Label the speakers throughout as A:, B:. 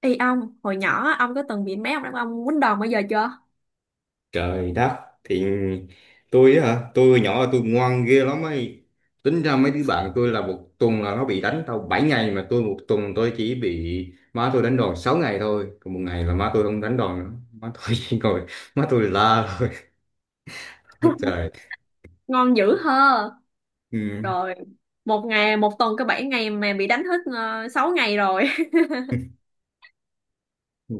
A: Ê ông, hồi nhỏ ông có từng bị mấy ông đàn ông quýnh đòn bao giờ chưa?
B: Trời đất, thì tôi á hả, tôi hồi nhỏ là tôi ngoan ghê lắm ấy. Tính ra mấy đứa bạn tôi là một tuần là nó bị đánh tao 7 ngày, mà tôi một tuần tôi chỉ bị má tôi đánh đòn 6 ngày thôi, còn một ngày là má tôi không đánh đòn nữa, má tôi chỉ ngồi má tôi la thôi. Trời,
A: Ngon dữ hơ.
B: ừ.
A: Rồi, một ngày, một tuần có 7 ngày mà bị đánh hết 6 ngày rồi.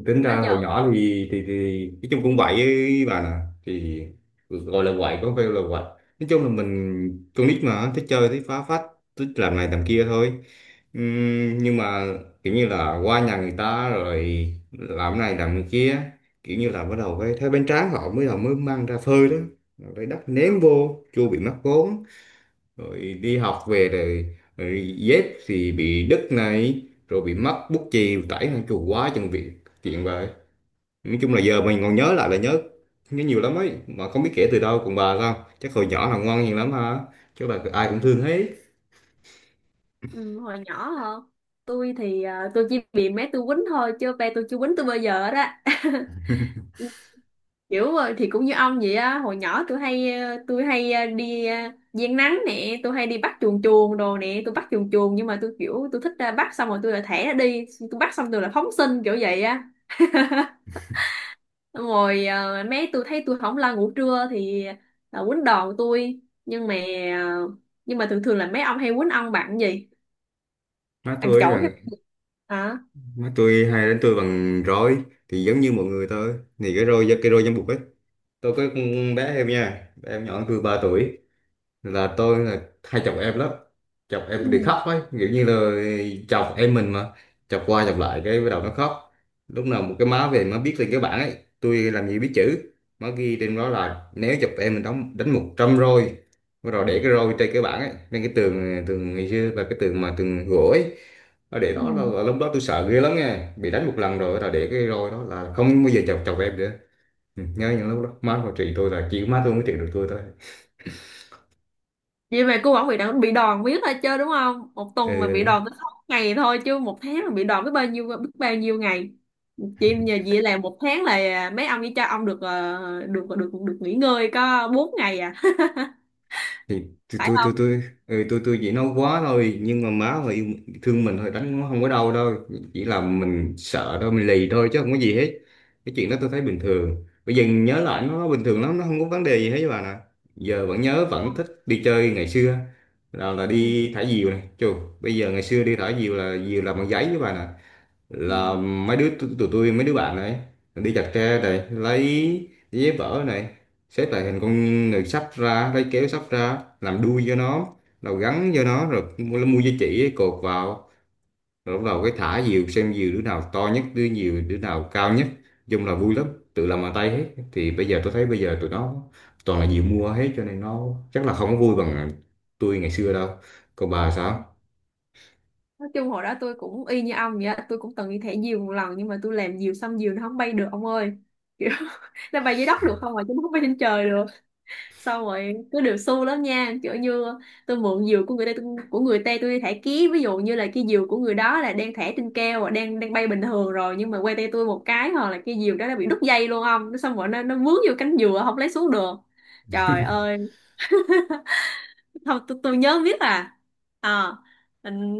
B: Tính
A: Nó
B: ra hồi
A: giỡn.
B: nhỏ thì nói chung cũng vậy với bà nè, thì gọi là quậy có phải là quậy, nói chung là mình con nít mà thích chơi, thích phá phách, thích làm này làm kia thôi. Nhưng mà kiểu như là qua nhà người ta rồi làm cái này làm cái kia, kiểu như là bắt đầu cái thấy bánh tráng họ mới đầu mới mang ra phơi đó, rồi lấy đất ném
A: Không?
B: vô chua bị mắc vốn, rồi đi học về rồi dép thì bị đứt này, rồi bị mất bút chì tẩy hàng chù quá chừng việc, chuyện vậy. Nói chung là giờ mình còn nhớ lại là nhớ, nhớ nhiều lắm ấy mà không biết kể từ đâu. Còn bà sao, chắc hồi nhỏ là ngoan hiền lắm ha, chứ bà ai cũng thương hết.
A: Ừ, hồi nhỏ hả? Tôi thì tôi chỉ bị mấy tôi quýnh thôi, chứ ba tôi chưa quýnh tôi bao giờ đó. Kiểu thì cũng như ông vậy á. Hồi nhỏ tôi hay đi giang nắng nè. Tôi hay đi bắt chuồn chuồn đồ nè, tôi bắt chuồn chuồn nhưng mà tôi kiểu tôi thích ra bắt xong rồi tôi lại thẻ nó đi, tôi bắt xong tôi lại phóng sinh kiểu vậy. Xong rồi mấy tôi thấy tôi không lo ngủ trưa thì là quýnh đòn tôi. Nhưng mà ờ, nhưng mà thường thường là mấy ông hay quýnh ông bạn gì,
B: Má
A: bạn
B: tôi ấy
A: chổi hay
B: là
A: bạn gì? Hả?
B: má tôi hay đánh tôi bằng roi, thì giống như mọi người thôi, thì cái roi, cái roi giấm bụt ấy. Tôi có con bé em nha, bé em nhỏ hơn tôi 3 tuổi, là tôi là hay chọc em lắm, chọc em bị
A: Ừ.
B: khóc ấy, kiểu như là chọc em mình mà, chọc qua chọc lại cái bắt đầu nó khóc. Lúc nào một cái má về má viết lên cái bảng ấy, tôi làm gì biết chữ, má ghi trên đó là nếu chọc em mình đóng đánh 100 roi. Bắt đầu để cái roi trên cái bảng ấy lên cái tường, tường ngày xưa là cái tường mà tường gỗ ấy, nó để
A: Ừ.
B: đó là lúc đó tôi sợ ghê lắm nha, bị đánh một lần rồi là để cái roi đó là không bao giờ chọc chọc em nữa. Ừ, nhớ những lúc đó má còn trị tôi, là chỉ có má tôi mới trị được tôi thôi.
A: Vậy mà cô bảo bị đòn biết thôi chứ, đúng không? Một
B: Ừ.
A: tuần mà bị
B: Ừ.
A: đòn tới sáu ngày thôi, chứ một tháng mà bị đòn biết bao nhiêu ngày. Chị nhờ chị làm một tháng là mấy ông chỉ cho ông được được nghỉ ngơi có bốn ngày à.
B: thì tôi
A: Phải
B: tôi tôi
A: không?
B: tôi tôi chỉ nói quá thôi, nhưng mà má họ yêu thương mình thôi, đánh nó không có đau đâu, chỉ là mình sợ thôi, mình lì thôi chứ không có gì hết. Cái chuyện đó tôi thấy bình thường, bây giờ nhớ lại nó bình thường lắm, nó không có vấn đề gì hết với bà nè. Giờ vẫn nhớ vẫn thích đi chơi ngày xưa, là đi thả diều này chù. Bây giờ ngày xưa đi thả diều là diều làm bằng giấy với bà nè,
A: Ừ.
B: là mấy đứa tụi tụi tôi mấy đứa bạn này đi chặt tre này, lấy giấy vỡ này, xếp lại thành con người sắp ra, lấy kéo sắp ra làm đuôi cho nó, rồi gắn cho nó, rồi mua dây chỉ ấy, cột vào, rồi bắt đầu cái thả diều xem diều đứa nào to nhất, đứa nhiều đứa nào cao nhất. Nói chung là vui lắm, tự làm bằng tay hết. Bây giờ tôi thấy bây giờ tụi nó toàn là diều mua hết, cho nên nó chắc là không có vui bằng tôi ngày xưa đâu. Còn bà sao?
A: Nói chung hồi đó tôi cũng y như ông vậy á, tôi cũng từng đi thẻ diều một lần nhưng mà tôi làm diều xong diều nó không bay được ông ơi. Kiểu nó bay dưới đất được không mà chứ nó không bay trên trời được. Xong rồi cứ đều xu lắm nha, kiểu như tôi mượn diều của người ta tôi, của người ta tôi đi thả ký. Ví dụ như là cái diều của người đó là đang thả trên keo đang đang bay bình thường rồi nhưng mà quay tay tôi một cái hoặc là cái diều đó nó bị đứt dây luôn ông, nó xong rồi nó vướng vô cánh dừa không lấy xuống được. Trời ơi! Không tôi, tôi nhớ biết à. Ờ,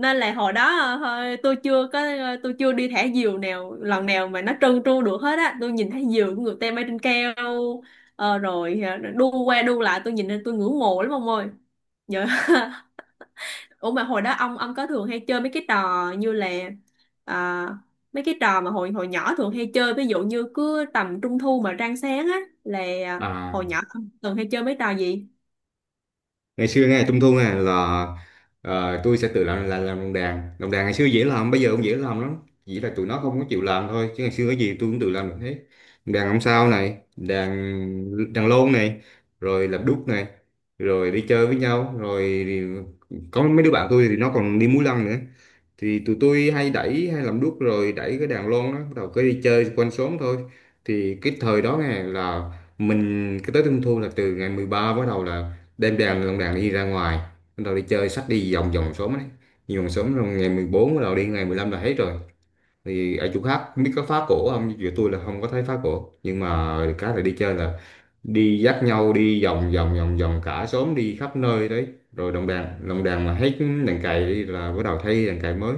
A: Nên là hồi đó thôi, tôi chưa đi thả diều nào lần nào mà nó trơn tru được hết á. Tôi nhìn thấy diều của người ta bay trên cao rồi đu qua đu lại tôi nhìn lên tôi ngưỡng mộ lắm ông ơi. Dạ. Ủa mà hồi đó ông có thường hay chơi mấy cái trò như là à, mấy cái trò mà hồi hồi nhỏ thường hay chơi, ví dụ như cứ tầm trung thu mà rạng sáng á là ờ, hồi
B: À,
A: nhỏ ông thường hay chơi mấy trò gì?
B: ngày xưa nghe trung thu nè là tôi sẽ tự làm lồng đèn. Lồng đèn ngày xưa dễ làm, bây giờ cũng dễ làm lắm, chỉ là tụi nó không có chịu làm thôi, chứ ngày xưa cái gì tôi cũng tự làm được hết. Đèn ông sao này, đèn đèn lôn này, rồi làm đúc này, rồi đi chơi với nhau. Rồi thì Có mấy đứa bạn tôi thì nó còn đi múa lân nữa, thì tụi tôi hay đẩy hay làm đuốc rồi đẩy cái đàn lon đó, bắt đầu cứ đi chơi quanh xóm thôi. Thì cái thời đó nghe là mình cái tới trung thu là từ ngày 13 bắt đầu là đem đàn đồng đàn đi ra ngoài, bắt đầu đi chơi xách đi vòng vòng xóm ấy, đi vòng xóm. Rồi ngày 14 bắt đầu đi, ngày 15 là hết rồi. Thì ở chỗ khác không biết có phá cổ không, chỗ tôi là không có thấy phá cổ, nhưng mà cái là đi chơi là đi dắt nhau đi vòng vòng cả xóm, đi khắp nơi đấy. Rồi đồng đàn mà hết, đàn cày đi là bắt đầu thay đàn cày mới.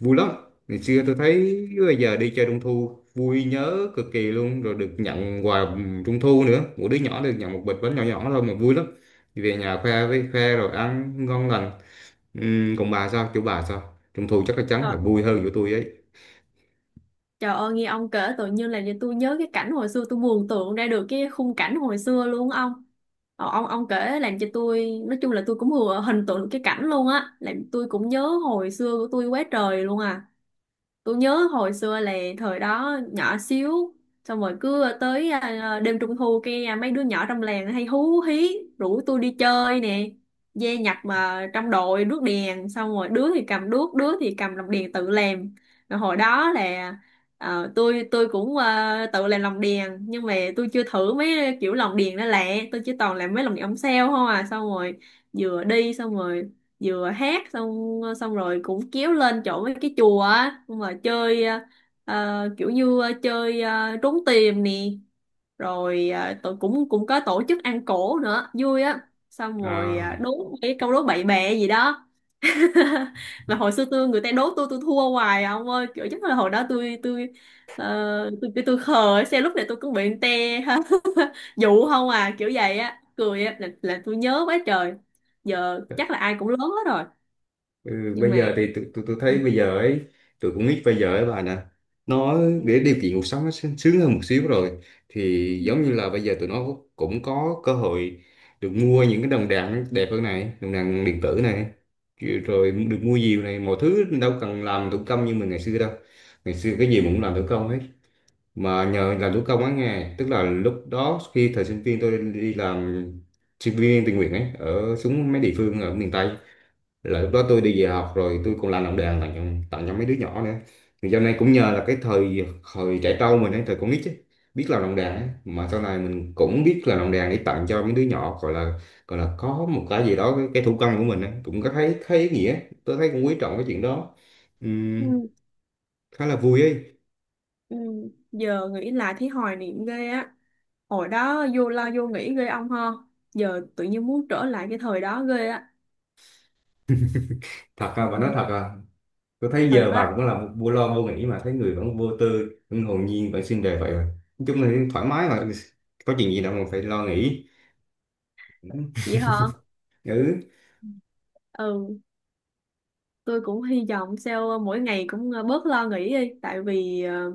B: Vui lắm. Ngày xưa tôi thấy bây giờ đi chơi trung thu vui nhớ cực kỳ luôn, rồi được nhận quà trung thu nữa, mỗi đứa nhỏ được nhận một bịch bánh nhỏ nhỏ thôi mà vui lắm, về nhà khoe với khoe rồi ăn ngon lành. Còn bà sao, chỗ bà sao trung thu chắc
A: Ừ.
B: chắn là vui hơn của tôi ấy.
A: Trời ơi nghe ông kể tự nhiên là tôi nhớ cái cảnh hồi xưa, tôi mường tượng ra được cái khung cảnh hồi xưa luôn á ông. Ông kể làm cho tôi nói chung là tôi cũng vừa hình tượng được cái cảnh luôn á, làm tôi cũng nhớ hồi xưa của tôi quá trời luôn à. Tôi nhớ hồi xưa là thời đó nhỏ xíu. Xong rồi cứ tới đêm trung thu kia mấy đứa nhỏ trong làng hay hú hí rủ tôi đi chơi nè. Dây nhặt mà trong đội đuốc đèn, xong rồi đứa thì cầm đuốc đứa thì cầm lồng đèn tự làm. Rồi hồi đó là tôi cũng tự làm lồng đèn nhưng mà tôi chưa thử mấy kiểu lồng đèn đó lẹ. Tôi chỉ toàn làm mấy lồng đèn ống sao không à. Xong rồi vừa đi xong rồi vừa hát, xong xong rồi cũng kéo lên chỗ mấy cái chùa á. Xong rồi chơi kiểu như chơi trốn tìm nè. Rồi tụi cũng cũng có tổ chức ăn cỗ nữa vui á. Xong rồi
B: à,
A: đố cái câu đố bậy bẹ gì đó. Mà hồi xưa tôi người ta đố tôi thua hoài à, ông ơi. Kiểu chắc là hồi đó ờ, tôi tôi khờ xe lúc này tôi cũng bị người ta dụ không à kiểu vậy á cười á, là tôi nhớ quá trời. Giờ chắc là ai cũng lớn hết rồi,
B: Ừ,
A: nhưng
B: bây
A: mà.
B: giờ thì tôi
A: Ừ,
B: thấy bây giờ ấy, tôi cũng nghĩ bây giờ ấy bà nè, nó để điều kiện cuộc sống nó sướng sướng hơn một xíu rồi, thì
A: ừ,
B: giống như là bây giờ tụi nó cũng có cơ hội được mua những cái đồng đạn đẹp hơn này, đồng đạn điện tử này, kiểu- rồi được mua nhiều này, mọi thứ đâu cần làm thủ công như mình ngày xưa đâu. Ngày xưa cái gì
A: ừ,
B: mình cũng làm thủ công hết, mà nhờ làm thủ công á nghe, tức là lúc đó khi thời sinh viên tôi đi làm sinh viên tình nguyện ấy, ở xuống mấy địa phương ở miền Tây, là lúc đó tôi đi về học rồi tôi còn làm đề tặng cho mấy đứa nhỏ nữa. Thì sau này cũng nhờ là cái thời thời trẻ trâu mình ấy, thời con nít ấy, biết làm đồng đàn ấy, mà sau này mình cũng biết làm đồng đàn để tặng cho mấy đứa nhỏ. Gọi là gọi là có một cái gì đó cái thủ công của mình ấy, cũng có thấy thấy ý nghĩa. Tôi thấy cũng quý trọng cái chuyện đó. Ừm,
A: ừ,
B: Khá là vui ấy.
A: ừ. Giờ nghĩ lại thấy hoài niệm ghê á. Hồi đó vô lo vô nghĩ ghê ông ha. Giờ tự nhiên muốn trở lại cái thời đó ghê á.
B: Thật à, bà nói
A: Ừ.
B: thật à? Tôi thấy
A: Thật
B: giờ bà
A: á?
B: cũng là một vô lo vô nghĩ, mà thấy người vẫn vô tư, vẫn hồn nhiên, vẫn xinh đẹp vậy mà. Nói chung là thoải mái mà, có chuyện gì đâu mà phải lo nghĩ.
A: Vậy hả?
B: Ừ.
A: Ừ. Tôi cũng hy vọng sao mỗi ngày cũng bớt lo nghĩ đi, tại vì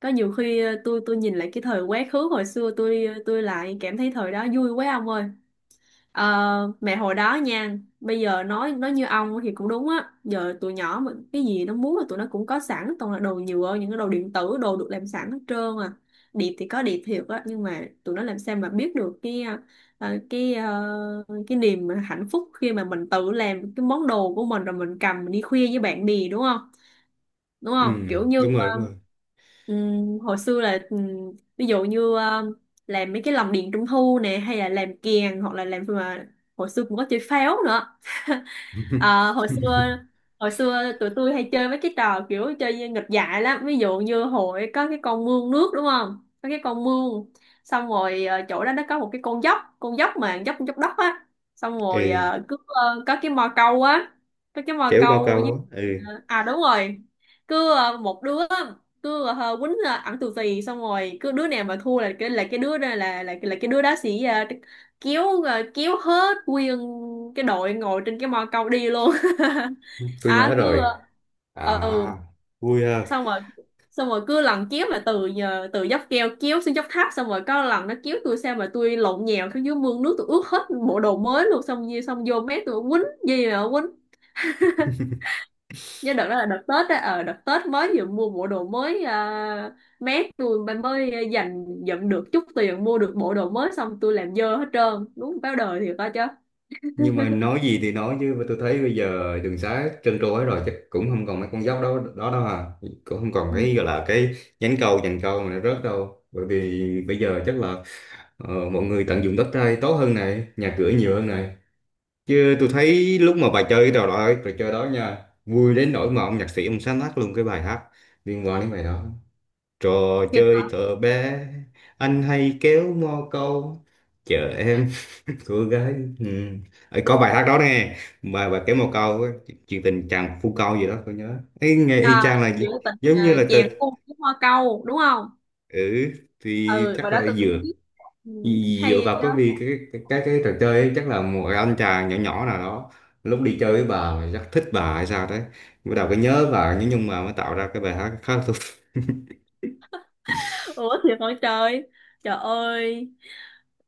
A: có nhiều khi tôi nhìn lại cái thời quá khứ hồi xưa, tôi tôi lại cảm thấy thời đó vui quá ông ơi. Ờ, mẹ hồi đó nha, bây giờ nói như ông thì cũng đúng á. Giờ tụi nhỏ mà cái gì nó muốn là tụi nó cũng có sẵn, toàn là đồ nhựa, những cái đồ điện tử đồ được làm sẵn hết trơn à. Điệp thì có điệp thiệt á, nhưng mà tụi nó làm sao mà biết được cái niềm hạnh phúc khi mà mình tự làm cái món đồ của mình rồi mình cầm mình đi khuya với bạn bè, đúng không? Đúng
B: Ừ.
A: không? Kiểu như
B: Đúng rồi, đúng rồi.
A: hồi xưa là ví dụ như làm mấy cái lồng đèn trung thu nè, hay là làm kèn hoặc là làm mà hồi xưa cũng có chơi pháo nữa. Ờ, hồi xưa, hồi xưa tụi tôi hay chơi mấy cái trò kiểu chơi như nghịch dại lắm. Ví dụ như hồi có cái con mương nước, đúng không? Có cái con mương, xong rồi chỗ đó nó có một cái con dốc, con dốc mà dốc dốc đất á. Xong rồi
B: Ừ,
A: có cái mò câu á, có cái mò
B: kiểu bao
A: câu
B: câu
A: với
B: á. Ừ,
A: à, đúng rồi. Cứ một đứa cứ quýnh ẩn tù tì, xong rồi cứ đứa nào mà thua là cái đứa đó là cái đứa đó sẽ kiếu, rồi kiếu hết nguyên cái đội ngồi trên cái mo cầu đi luôn.
B: tôi nhớ
A: À cứ
B: rồi.
A: ừ,
B: À, vui ha.
A: xong rồi xong rồi cứ lần kiếu mà từ nhờ từ dốc keo kiếu xuống dốc tháp, xong rồi có lần nó kiếu tôi sao mà tôi lộn nhào xuống dưới mương nước, tôi ướt hết bộ đồ mới luôn, xong như xong vô mét tôi quýnh gì mà quýnh. Nhớ đợt đó là đợt Tết á. Ờ, đợt Tết mới vừa mua bộ đồ mới, mét tôi mới mới dành dụm được chút tiền mua được bộ đồ mới, xong tôi làm dơ hết trơn đúng báo đời thiệt coi chứ.
B: Nhưng mà nói gì thì nói chứ mà tôi thấy bây giờ đường xá trơn trôi rồi, chắc cũng không còn mấy con dốc đó đó đâu à, cũng không còn
A: Ừ.
B: cái gọi là cái nhánh cầu dàn cầu mà nó rớt đâu, bởi vì bây giờ chắc là mọi người tận dụng đất đai tốt hơn này, nhà cửa nhiều hơn này. Chứ tôi thấy lúc mà bà chơi trò đó, trò chơi đó nha, vui đến nỗi mà ông nhạc sĩ ông sáng tác luôn cái bài hát liên quan đến bài đó. Trò
A: Thiệt
B: chơi thợ bé, anh hay kéo mò câu, chờ em cô gái. Ừ. Ờ, có bài hát đó nè, bài bài kéo mò câu, á, chuyện tình chàng phu câu gì đó, tôi nhớ. Ấy nghe
A: à?
B: y chang là gi-
A: Chuyện tình
B: giống như là
A: chèo cung với hoa câu, đúng không?
B: ừ, thì
A: Ừ và
B: chắc
A: đó
B: là
A: tôi cũng
B: dựa
A: biết. Ừ.
B: dựa
A: Hay
B: vào
A: chứ.
B: cái, vì cái trò chơi ấy, chắc là một anh chàng nhỏ nhỏ nào đó lúc đi chơi với bà mà chắc thích bà hay sao đấy, bắt đầu cái nhớ bà, nhưng mà mới tạo ra cái bài hát khá.
A: Ủa thì hỏi trời. Trời ơi!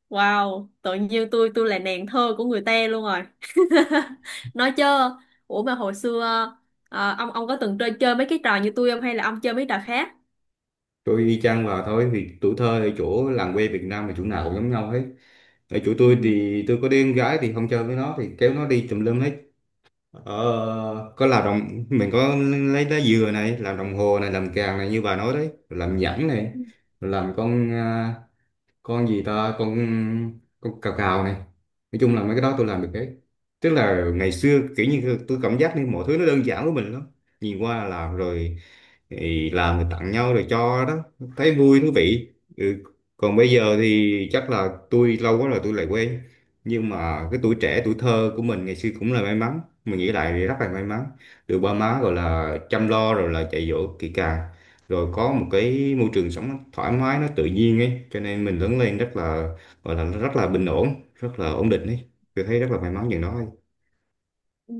A: Wow, tự nhiên tôi là nàng thơ của người ta luôn rồi. Nói chưa. Ủa mà hồi xưa ông có từng chơi chơi mấy cái trò như tôi không, hay là ông chơi mấy trò khác?
B: Tôi y chang vào thôi, thì tuổi thơ ở chỗ làng quê Việt Nam là chỗ nào cũng giống nhau hết. Ở chỗ tôi
A: Ừ.
B: thì tôi có đứa em gái, thì không chơi với nó thì kéo nó đi tùm lum hết. ờ, có làm đồng mình có lấy lá dừa này làm đồng hồ này, làm càng này như bà nói đấy, làm nhẫn này,
A: ừ,
B: làm con à, con gì ta con cào cào này. Nói chung là mấy cái đó tôi làm được hết, tức là ngày xưa kiểu như tôi cảm giác như mọi thứ nó đơn giản với mình lắm, nhìn qua là làm rồi, thì làm rồi tặng nhau rồi cho đó, thấy vui thú vị. Ừ. Còn bây giờ thì chắc là tôi lâu quá rồi tôi lại quên, nhưng mà cái tuổi trẻ tuổi thơ của mình ngày xưa cũng là may mắn, mình nghĩ lại thì rất là may mắn, được ba má gọi là chăm lo rồi là dạy dỗ kỹ càng, rồi có một cái môi trường sống nó thoải mái, nó tự nhiên ấy, cho nên mình lớn lên rất là gọi là rất là bình ổn, rất là ổn định ấy. Tôi thấy rất là may mắn chừng đó ấy.
A: ừ.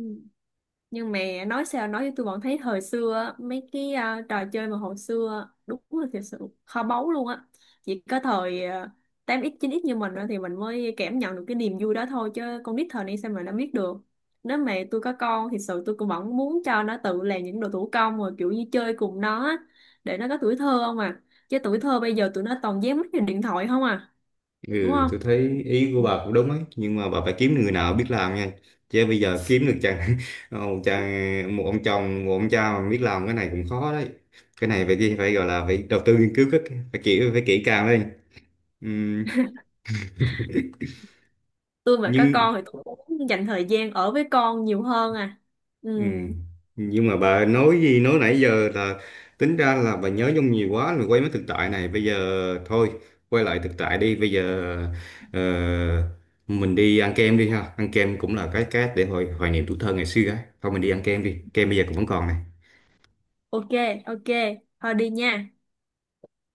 A: Nhưng mà nói sao nói với tôi vẫn thấy thời xưa á, mấy cái trò chơi mà hồi xưa á, đúng là thật sự kho báu luôn á. Chỉ có thời 8x 9x như mình á thì mình mới cảm nhận được cái niềm vui đó thôi, chứ con nít thời nay sao mà nó biết được. Nếu mà tôi có con thì sự tôi cũng vẫn muốn cho nó tự làm những đồ thủ công, rồi kiểu như chơi cùng nó á, để nó có tuổi thơ không à. Chứ tuổi thơ bây giờ tụi nó toàn dán mắt vào điện thoại không à, đúng
B: Ừ,
A: không?
B: tôi thấy ý của bà cũng đúng ấy, nhưng mà bà phải kiếm được người nào biết làm nha, chứ bây giờ kiếm được chàng một ông chồng, một ông cha mà biết làm cái này cũng khó đấy. Cái này phải phải gọi là phải đầu tư nghiên cứu rất kỹ, phải kỹ càng lên. Ừm,
A: Tôi mà có con
B: nhưng.
A: thì tôi cũng dành thời gian ở với con nhiều hơn à. Ừ.
B: Ừ. Nhưng mà bà nói gì nói nãy giờ là tính ra là bà nhớ nhung nhiều quá rồi, quay mấy thực tại này bây giờ. Thôi quay lại thực tại đi bây giờ. ờ, mình đi ăn kem đi ha, ăn kem cũng là cái để hồi hoài niệm tuổi thơ ngày xưa ấy thôi, mình đi ăn kem đi, kem bây giờ cũng vẫn còn này.
A: Ok. Ok. Thôi đi nha.